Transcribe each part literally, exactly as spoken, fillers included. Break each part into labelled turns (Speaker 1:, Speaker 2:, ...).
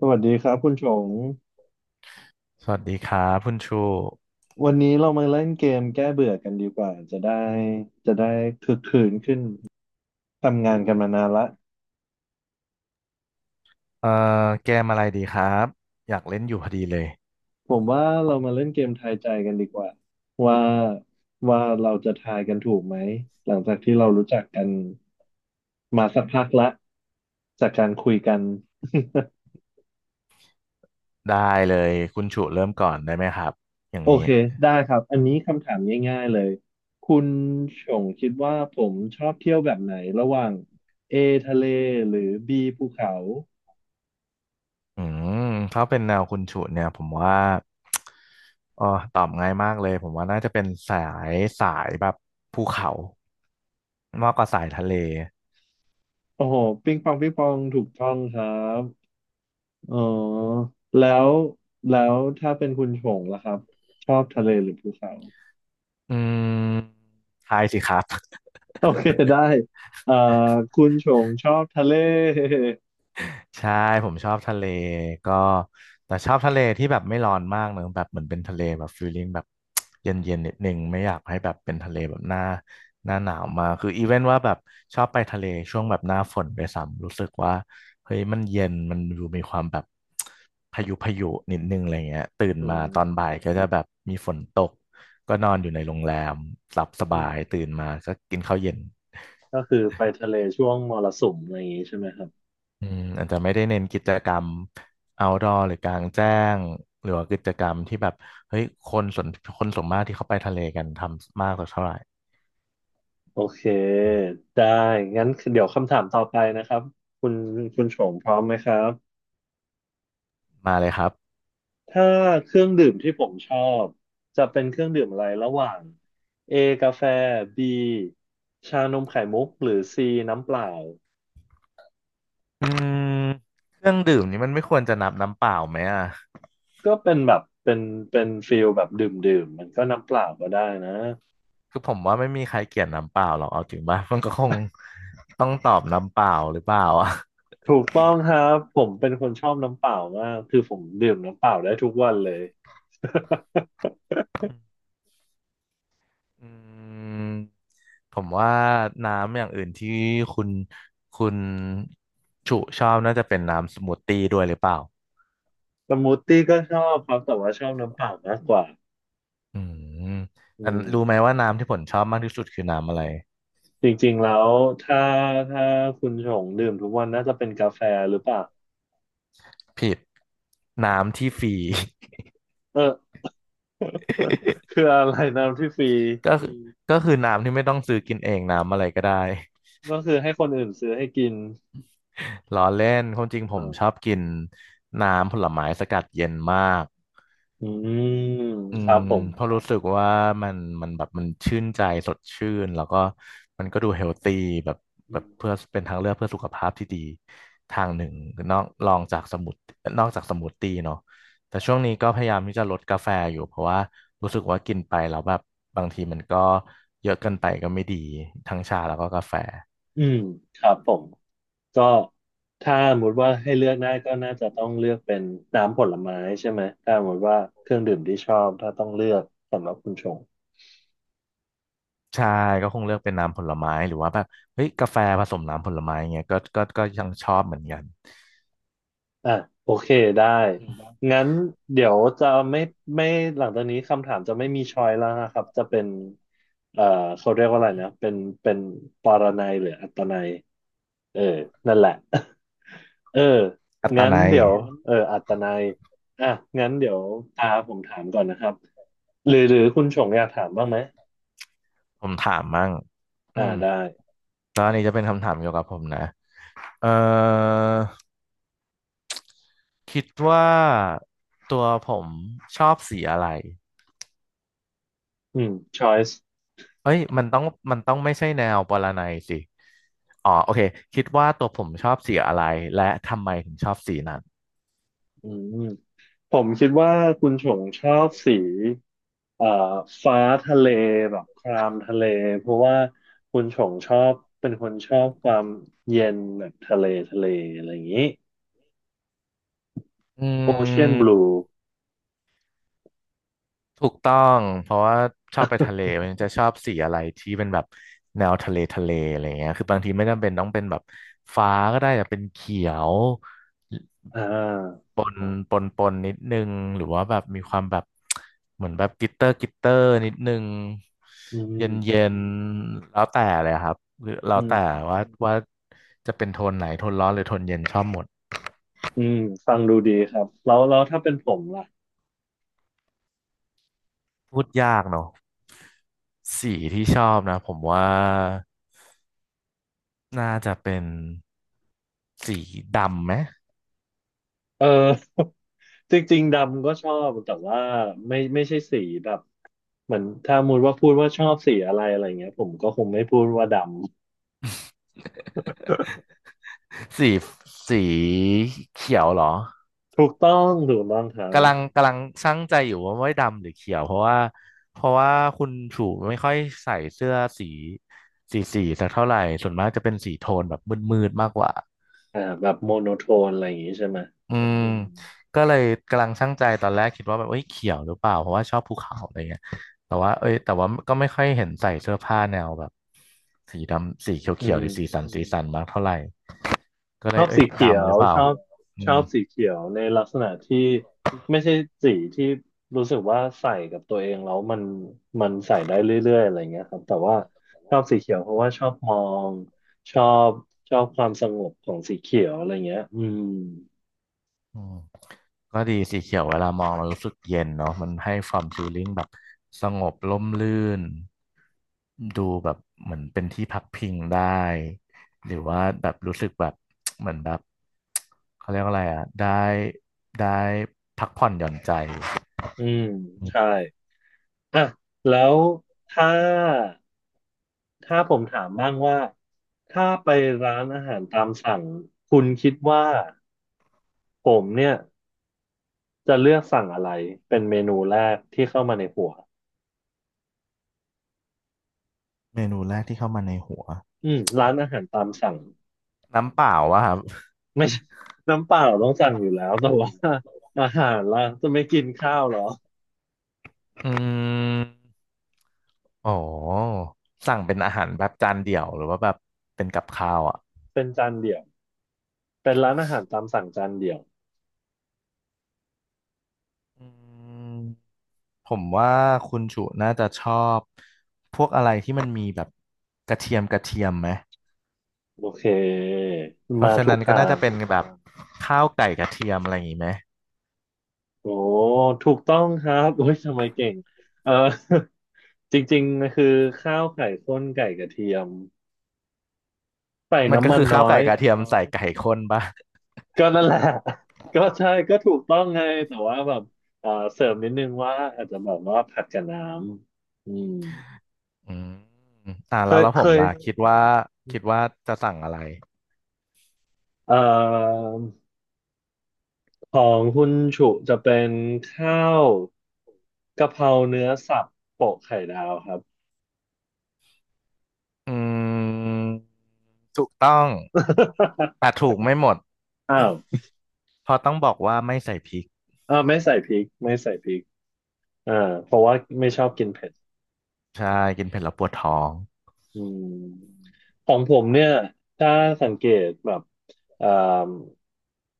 Speaker 1: สวัสดีครับคุณชง
Speaker 2: สวัสดีครับคุณชู
Speaker 1: วันนี้เรามาเล่นเกมแก้เบื่อกันดีกว่าจะได้จะได้คึกคืนขึ้นทำงานกันมานานละ
Speaker 2: เอ่อเกมอะไรดีครับอยากเล่นอยู่พอดีเลย
Speaker 1: ผมว่าเรามาเล่นเกมทายใจกันดีกว่าว่าว่าเราจะทายกันถูกไหมหลังจากที่เรารู้จักกันมาสักพักละจากการคุยกัน
Speaker 2: ได้เลยคุณชูเริ่มก่อนได้ไหมครับอย่าง
Speaker 1: โอ
Speaker 2: นี้
Speaker 1: เคได้ครับอันนี้คำถามง่ายๆเลยคุณชงคิดว่าผมชอบเที่ยวแบบไหนระหว่าง A ทะเลหรือ B ภูเขา
Speaker 2: อืมถ้าเป็นแนวคุณชูเนี่ยผมว่าเออตอบง่ายมากเลยผมว่าน่าจะเป็นสายสายแบบภูเขามากกว่าสายทะเล
Speaker 1: โอ้โหปิ้งปองปิ้งปองถูกต้องครับอ๋อแล้วแล้วถ้าเป็นคุณชงล่ะครับชอบทะเลหรือภูเขา
Speaker 2: อืมทายสิครับ
Speaker 1: โอเคได้เอ่อคุณชงชอบทะเล
Speaker 2: ใช่ผมชอบทะเลก็แต่ชอบทะเลที่แบบไม่ร้อนมากเนอะแบบเหมือนเป็นทะเลแบบฟีลลิ่งแบบ เย็นเย็นนิดนึงไม่อยากให้แบบเป็นทะเลแบบหน้าหน้าหนาวมากคืออีเวนว่าแบบชอบไปทะเลช่วงแบบหน้าฝนไปซ้ำรู้สึกว่าเฮ้ยมันเย็นมันดูมีความแบบ พายุพายุนิดนึงอะไรเงี้ยตื่น
Speaker 1: อื
Speaker 2: มา
Speaker 1: ม
Speaker 2: ตอนบ่ายก็จะแบบมีฝนตกก็นอนอยู่ในโรงแรมหลับส
Speaker 1: อื
Speaker 2: บา
Speaker 1: ม
Speaker 2: ยตื่นมาก็กินข้าวเย็น
Speaker 1: ก็คือไปทะเลช่วงมรสุมอะไรอย่างงี้ใช่ไหมครับ
Speaker 2: อืมอาจจะไม่ได้เน้นกิจกรรม outdoor หรือกลางแจ้งหรือว่ากิจกรรมที่แบบเฮ้ยคนส่วนคนส่วนมากที่เข้าไปทะเลกันทำมากสักเท่าไหร่
Speaker 1: โอเค
Speaker 2: อืม
Speaker 1: ได้งั้นเดี๋ยวคำถามต่อไปนะครับคุณคุณชงพร้อมไหมครับ
Speaker 2: มาเลยครับ
Speaker 1: ถ้าเครื่องดื่มที่ผมชอบจะเป็นเครื่องดื่มอะไรระหว่าง A กาแฟ B ชานมไข่มุกหรือ C น้ำเปล่า
Speaker 2: อืมเครื่องดื่มนี่มันไม่ควรจะนับน้ำเปล่าไหมอ่ะ
Speaker 1: ก็เป็นแบบเป็นเป็นฟิลแบบดื่มดื่มมันก็น้ำเปล่าก็ได้นะ
Speaker 2: คือผมว่าไม่มีใครเกลียดน้ำเปล่าหรอกเอาจริงป่ะมันก็คงต้องตอบน้ำเปล่าหรือเปล่าอ่ะ
Speaker 1: ถูกต้องครับผมเป็นคนชอบน้ำเปล่ามากคือผมดื่มน้ำเปล่าได้ทุกวันเลย
Speaker 2: อืมผมว่าน้ำอย่างอื่นที่คุณคุณฉุชอบน่าจะเป็นน้ำสมูทตี้ด้วยหรือเปล่า
Speaker 1: สมูทตี้ก็ชอบครับแต่ว่าชอบน้ำเปล่ามากกว่า
Speaker 2: อืม
Speaker 1: อื
Speaker 2: แต่รู้ไหม
Speaker 1: ม
Speaker 2: ว่าน้ำที่ผมชอบมากที่สุดคือน้ำอะไร
Speaker 1: จริงๆแล้วถ้าถ้าคุณชงดื่มทุกวันน่าจะเป็นกาแฟหรือเปล่า
Speaker 2: ผิดน้ำที่ฟรี
Speaker 1: เออ คืออะไรน้ำที่ฟรี
Speaker 2: ก็คืออืมก็คือน้ำที่ไม่ต้องซื้อกินเองน้ำอะไรก็ได้
Speaker 1: ก็คือให้คนอื่นซื้อให้กิน
Speaker 2: ล้อเล่นความจริงผม
Speaker 1: อ่า
Speaker 2: ชอบกินน้ำผลไม้สกัดเย็นมาก
Speaker 1: อืม
Speaker 2: อื
Speaker 1: ครั
Speaker 2: ม
Speaker 1: บผม
Speaker 2: เพราะรู้สึกว่ามันมันแบบมันชื่นใจสดชื่นแล้วก็มันก็ดูเฮลตี้แบบ
Speaker 1: อื
Speaker 2: แบบ
Speaker 1: ม
Speaker 2: เพื่อเป็นทางเลือกเพื่อสุขภาพที่ดีทางหนึ่งนอกรองจากสมุดนอกจากสมูทตี้เนาะแต่ช่วงนี้ก็พยายามที่จะลดกาแฟอยู่เพราะว่ารู้สึกว่ากินไปแล้วแบบบางทีมันก็เยอะเกินไปก็ไม่ดีทั้งชาแล้วก็กาแฟ
Speaker 1: อืมครับผมก็ถ้าสมมติว่าให้เลือกได้ก็น่าจะต้องเลือกเป็นน้ำผลไม้ใช่ไหมถ้าสมมติว่าเครื่องดื่มที่ชอบถ้าต้องเลือกสำหรับคุณชง
Speaker 2: ใช่ก็คงเลือกเป็นน้ำผลไม้หรือว่าแบบเฮ้ยกาแฟผสมน้ำผลไม้เงี้ยก็ก็ก็ยังชอบเหมือนกัน
Speaker 1: อ่ะโอเคได้
Speaker 2: อืม
Speaker 1: งั้นเดี๋ยวจะไม่ไม่หลังจากนี้คำถามจะไม่มีชอยแล้วนะครับจะเป็นเอ่อเขาเรียกว่าอะไรนะเป็นเป็นปรนัยหรืออัตนัยเออนั่นแหละ เออ
Speaker 2: กัตตา
Speaker 1: งั้น
Speaker 2: ไน
Speaker 1: เดี๋ยวเอออัตนัยอ่ะงั้นเดี๋ยวตาผมถามก่อนนะครับหรือหรือคุณชงอยากถามบ้างไหม
Speaker 2: ผมถามมั่งอื
Speaker 1: อ่า
Speaker 2: ม
Speaker 1: ได้
Speaker 2: แล้วอันนี้จะเป็นคำถามเกี่ยวกับผมนะเอ่อคิดว่าตัวผมชอบสีอะไร
Speaker 1: อืม choice
Speaker 2: เอ้ยมันต้องมันต้องไม่ใช่แนวปรนัยสิอ๋อโอเคคิดว่าตัวผมชอบสีอะไรและทำไมถึงชอบสีนั้น
Speaker 1: อืม ผมคิดว่าคุณชงชอบสีเอ่อฟ้าทะเลแบบครามทะเลเพราะว่าคุณชงชอบเป็นคนชอบความเย็นแบบทะเลทะเลอะไรอย่างนี้
Speaker 2: อื
Speaker 1: โอเชียนบลู
Speaker 2: มถูกต้องเพราะว่าชอบไปทะเลมันจะชอบสีอะไรที่เป็นแบบแนวทะเลทะเลอะไรเงี้ยคือบางทีไม่จำเป็นต้องเป็นแบบฟ้าก็ได้แต่เป็นเขียว
Speaker 1: อ่า
Speaker 2: ปนปนปนนิดนึงหรือว่าแบบมีความแบบเหมือนแบบกลิตเตอร์กลิตเตอร์นิดนึง
Speaker 1: อื
Speaker 2: เย็นเย็
Speaker 1: ม
Speaker 2: นแล้วแต่เลยครับหรือแล้ว
Speaker 1: อื
Speaker 2: แต่
Speaker 1: ม
Speaker 2: ว่าว่าจะเป็นโทนไหนโทนร้อนหรือโทนเย็นชอบหมด
Speaker 1: อืมฟังดูดีครับแล้วแล้วถ้าเป็นผมล่ะ
Speaker 2: พูดยากเนอะสีที่ชอบนะผมว่าน่าจะเป็นสีดำไหม
Speaker 1: เออ จริงๆดำก็ชอบแต่ว่าไม่ไม่ใช่สีแบบเหมือนถ้ามูดว่าพูดว่าชอบสีอะไรอะไรเงี้ยผมก็คงไม่พูดว่าด
Speaker 2: สีสีเขียวเหรอ
Speaker 1: ำถูกต้องถูกต้องครั
Speaker 2: กำลัง
Speaker 1: บ
Speaker 2: กำลังชั่งใจอยู่ว่าไม่ดำหรือเขียวเพราะว่าเพราะว่าคุณชูไม่ค่อยใส่เสื้อสีสีสีสักเท่าไหร่ส่วนมากจะเป็นสีโทนแบบมืดๆมากกว่า
Speaker 1: อ่าแบบโมโนโทนอะไรอย่างงี้ใช่ไหม
Speaker 2: อืม
Speaker 1: อืม
Speaker 2: ก็เลยกำลังชั่งใจตอนแรกคิดว่าแบบเอ้ยเขียวหรือเปล่าเพราะว่าชอบภูเขาอะไรเงี้ยแต่ว่าเอ้ยแต่ว่าก็ไม่ค่อยเห็นใส่เสื้อผ้าแนวแบบสีดำสี
Speaker 1: อื
Speaker 2: เขียวๆห
Speaker 1: ม
Speaker 2: รือสีสันสีสันมากเท่าไหร่ก็
Speaker 1: ช
Speaker 2: เล
Speaker 1: อ
Speaker 2: ย
Speaker 1: บ
Speaker 2: เอ้ย
Speaker 1: สีเขีย
Speaker 2: ดำห
Speaker 1: ว
Speaker 2: รือเป
Speaker 1: ช
Speaker 2: ล่า
Speaker 1: อบ
Speaker 2: อื
Speaker 1: ชอ
Speaker 2: ม
Speaker 1: บสีเขียวในลักษณะที่ไม่ใช่สีที่รู้สึกว่าใส่กับตัวเองแล้วมันมันใส่ได้เรื่อยๆอะไรเงี้ยครับแต่ว่าชอบสีเขียวเพราะว่าชอบมองชอบชอบความสงบของสีเขียวอะไรเงี้ยอืม
Speaker 2: อืมก็ดีสีเขียวเวลามองมันรู้สึกเย็นเนาะมันให้ความฟีลลิ่งแบบสงบร่มรื่นดูแบบเหมือนเป็นที่พักพิงได้หรือว่าแบบรู้สึกแบบ เหมือนแบบ เขาเรียกว่าอะไรอ่ะได้ได้พักผ่อนหย่อนใจ
Speaker 1: อืมใช่อ่ะแล้วถ้า ถ้าผมถามบ้างว่าถ้าไปร้านอาหารตามสั่งคุณคิดว่าผมเนี่ยจะเลือกสั่งอะไรเป็นเมนูแรกที่เข้ามาในหัว
Speaker 2: เมนูแรกที่เข้ามาในหัว
Speaker 1: อืมร้านอาหารตามสั่ง
Speaker 2: น้ำเปล่าวะครับ
Speaker 1: ไม่ใช่น้ำเปล่าต้องสั่งอยู่แล้วแต่ว่าอาหารล่ะจะไม่กินข้าวเหรอ
Speaker 2: อืมโอ้สั่งเป็นอาหารแบบจานเดี่ยวหรือว่าแบบเป็นกับข้าวอ่ะ
Speaker 1: เป็นจานเดี่ยวเป็นร้านอาหารตามสั่งจานเดี่ยว
Speaker 2: อืม ผมว่าคุณจุน่าจะชอบพวกอะไรที่มันมีแบบกระเทียมกระเทียมไหม
Speaker 1: โอเค
Speaker 2: เพ
Speaker 1: มา
Speaker 2: ราะฉะ
Speaker 1: ถู
Speaker 2: นั้
Speaker 1: ก
Speaker 2: นก็
Speaker 1: ทา
Speaker 2: น่า
Speaker 1: ง
Speaker 2: จะเป็นแบบข้าวไก่กระเทียมอะไรอย่างงี้ไหม
Speaker 1: โอ้ถูกต้องครับโอ้ยทำไมเก่งเออ จริงๆคือข้าวไข่ข้นไก่กระเทียม ใส่
Speaker 2: มัน
Speaker 1: น้ำ
Speaker 2: ก็
Speaker 1: มัน
Speaker 2: คือข้าว
Speaker 1: น้อ
Speaker 2: ไก่
Speaker 1: ย
Speaker 2: กระเทียมใส่ไก่ข้นป่ะ
Speaker 1: ก็นั่นแหละ ก็ใช่ก็ถูกต้องไงแต่ว่าแบบเอ่อเสริมนิดนึงว่าอาจจะแบบว่าผัดกับน้ำอืม
Speaker 2: อืมอ่า
Speaker 1: เค
Speaker 2: แล้ว
Speaker 1: ย
Speaker 2: แล้วผ
Speaker 1: เค
Speaker 2: ม
Speaker 1: ย
Speaker 2: ล่ะคิดว่าคิดว่าจะสั่งอะไร
Speaker 1: เอ่อของคุณฉุจะเป็นข้าวกะเพราเนื้อสับโปะไข่ดาวครับ
Speaker 2: อืมถูกต้องแต่ ถูกไม่หมด
Speaker 1: อ้าว
Speaker 2: เพราะต้องบอกว่าไม่ใส่พริก
Speaker 1: อ้าวไม่ใส่พริกไม่ใส่พริกอ่าเพราะว่าไม่ชอบกินเผ็ด
Speaker 2: ใช่กินเผ็ดแล้วปวดท้อง
Speaker 1: อืมของผมเนี่ยถ้าสังเกตแบบอ่า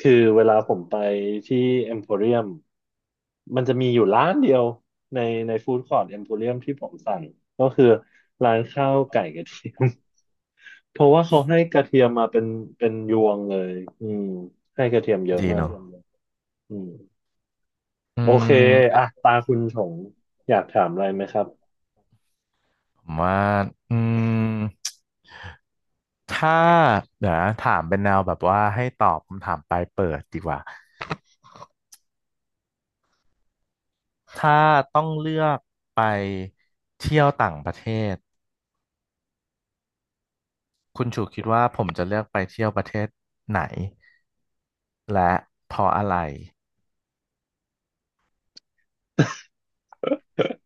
Speaker 1: คือเวลาผมไปที่เอ็มโพเรียมมันจะมีอยู่ร้านเดียวในในฟู้ดคอร์ e เอ็มโพเรียมที่ผมสั่งก็คือร้านข้าวไก่กระเทียม เพราะว่าเขาให้กระเทียมมาเป็นเป็นยวงเลยอืมให้กระเทียมเยอะ
Speaker 2: ดี
Speaker 1: มา
Speaker 2: เน
Speaker 1: ก
Speaker 2: อะ
Speaker 1: อืม
Speaker 2: อื
Speaker 1: โอเค
Speaker 2: ม
Speaker 1: อ่ะตาคุณชงอยากถามอะไรไหมครับ
Speaker 2: ผมว่าอืม ถ้าเดี๋ยวนะถามเป็นแนวแบบว่าให้ตอบคำถามปลายเปิดดีกว่าถ้าต้องเลือกไปเที่ยวต่างประเทศคุณชูคิดว่าผมจะเลือกไปเที่ยวประเทศไหนและเพราะอะไร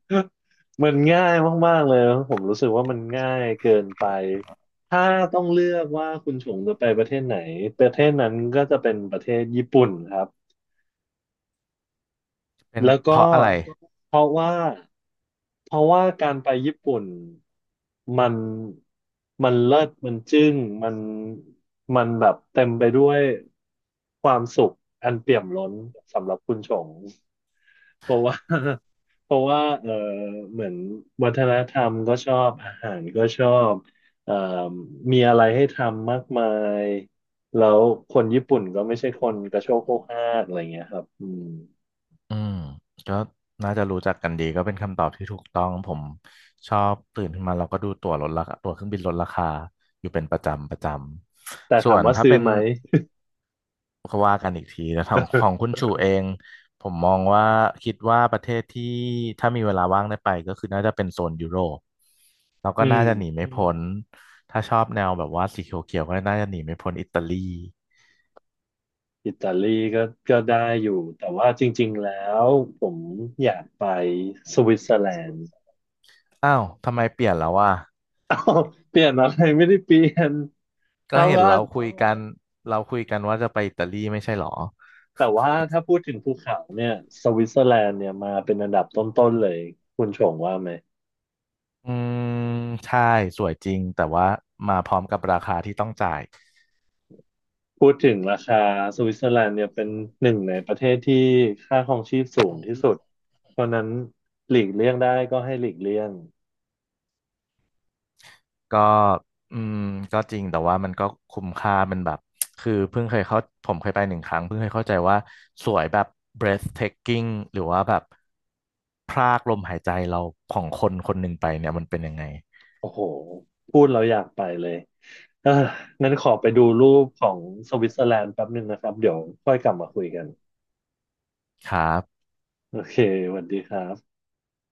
Speaker 1: มันง่ายมากๆเลยนะผมรู้สึกว่ามันง่ายเกินไปถ้าต้องเลือกว่าคุณชงจะไปประเทศไหนประเทศนั้นก็จะเป็นประเทศญี่ปุ่นครับ
Speaker 2: เป็น
Speaker 1: แล้ว
Speaker 2: เพ
Speaker 1: ก็
Speaker 2: ราะอะไร
Speaker 1: เพราะว่าเพราะว่าการไปญี่ปุ่นมันมันเลิศมันจึ้งมันมันแบบเต็มไปด้วยความสุขอันเปี่ยมล้นสำหรับคุณชงเพราะว่า เพราะว่าเออเหมือนวัฒนธรรมก็ชอบอาหารก็ชอบเอ่อมีอะไรให้ทำมากมายแล้วคนญี่ปุ่นก็ไม่ใช่คนกระโชกโคกฮากอะไรเงี้ยครับอืม
Speaker 2: อืมก็น่าจะรู้จักกันดีก็เป็นคำตอบที่ถูกต้องผมชอบตื่นขึ้นมาเราก็ดูตั๋วลดราคาตั๋วเครื่องบินลดราคาอยู่เป็นประจำประจ
Speaker 1: แต่
Speaker 2: ำส่
Speaker 1: ถา
Speaker 2: ว
Speaker 1: ม
Speaker 2: น
Speaker 1: ว่า
Speaker 2: ถ้า
Speaker 1: ซื้อ
Speaker 2: เป็น
Speaker 1: ไหม
Speaker 2: ก็ว่ากันอีกทีแต่ของของคุณชูเองผมมองว่าคิดว่าประเทศที่ถ้ามีเวลาว่างได้ไปก็คือน่าจะเป็นโซนยุโรปแล้วก็
Speaker 1: อืม
Speaker 2: น่าจะหนีไม่พ้นถ้าชอบแนวแบบว่าสีเขียวๆก็น่าจะหนีไม่พ้นอิตาลี
Speaker 1: อิตาลีก็ก็ได้อยู่ แต่ว่าจริงๆแล้วผมอยากไปสวิตเซอร์แลนด์
Speaker 2: อ้าวทำไมเปลี่ยนแล้ววะ
Speaker 1: เปลี่ยนอะไรไม่ได้เปลี่ยน
Speaker 2: ก็
Speaker 1: ถ้า
Speaker 2: เห็น
Speaker 1: ว่า
Speaker 2: เราคุยกันเราคุยกันว่าจะไปอิตาลีไม่ใช่หรอ
Speaker 1: แต่ว่าถ้าพูดถึงภูเขาเนี่ยสวิตเซอร์แลนด์เนี่ยมาเป็นอันดับต้นๆเลยคุณชงว่าไหม
Speaker 2: อืมใช่สวยจริงแต่ว่ามาพร้อมกับราคาที่ต้องจ่าย
Speaker 1: พูดถึงราคาสวิตเซอร์แลนด์เนี่ยเป็นหนึ่งในประเทศที่ค่าครองชีพสูงที่สุด เพราะฉะนั้นหลีกเลี่ยงได้ก็ให้หลีกเลี่ยง
Speaker 2: ก็อืมก็จริงแต่ว่ามันก็คุ้มค่ามันแบบคือเพิ่งเคยเข้าผมเคยไปหนึ่งครั้งเพิ่งเคยเข้าใจว่าสวยแบบ breathtaking หรือว่าแบบพรากลมหายใจเราของคนคนหนึ่งไปเนี่ยมันเป็นยังไง
Speaker 1: โอ้โห พูดเราอยากไปเลยเออนั้นขอไปดูรูปของสวิตเซอร์แลนด์แป๊บหนึ่งนะครับเดี๋ยวค่อยกลับมาคุยกัน
Speaker 2: ครับ
Speaker 1: โอเคสวัสดีครับ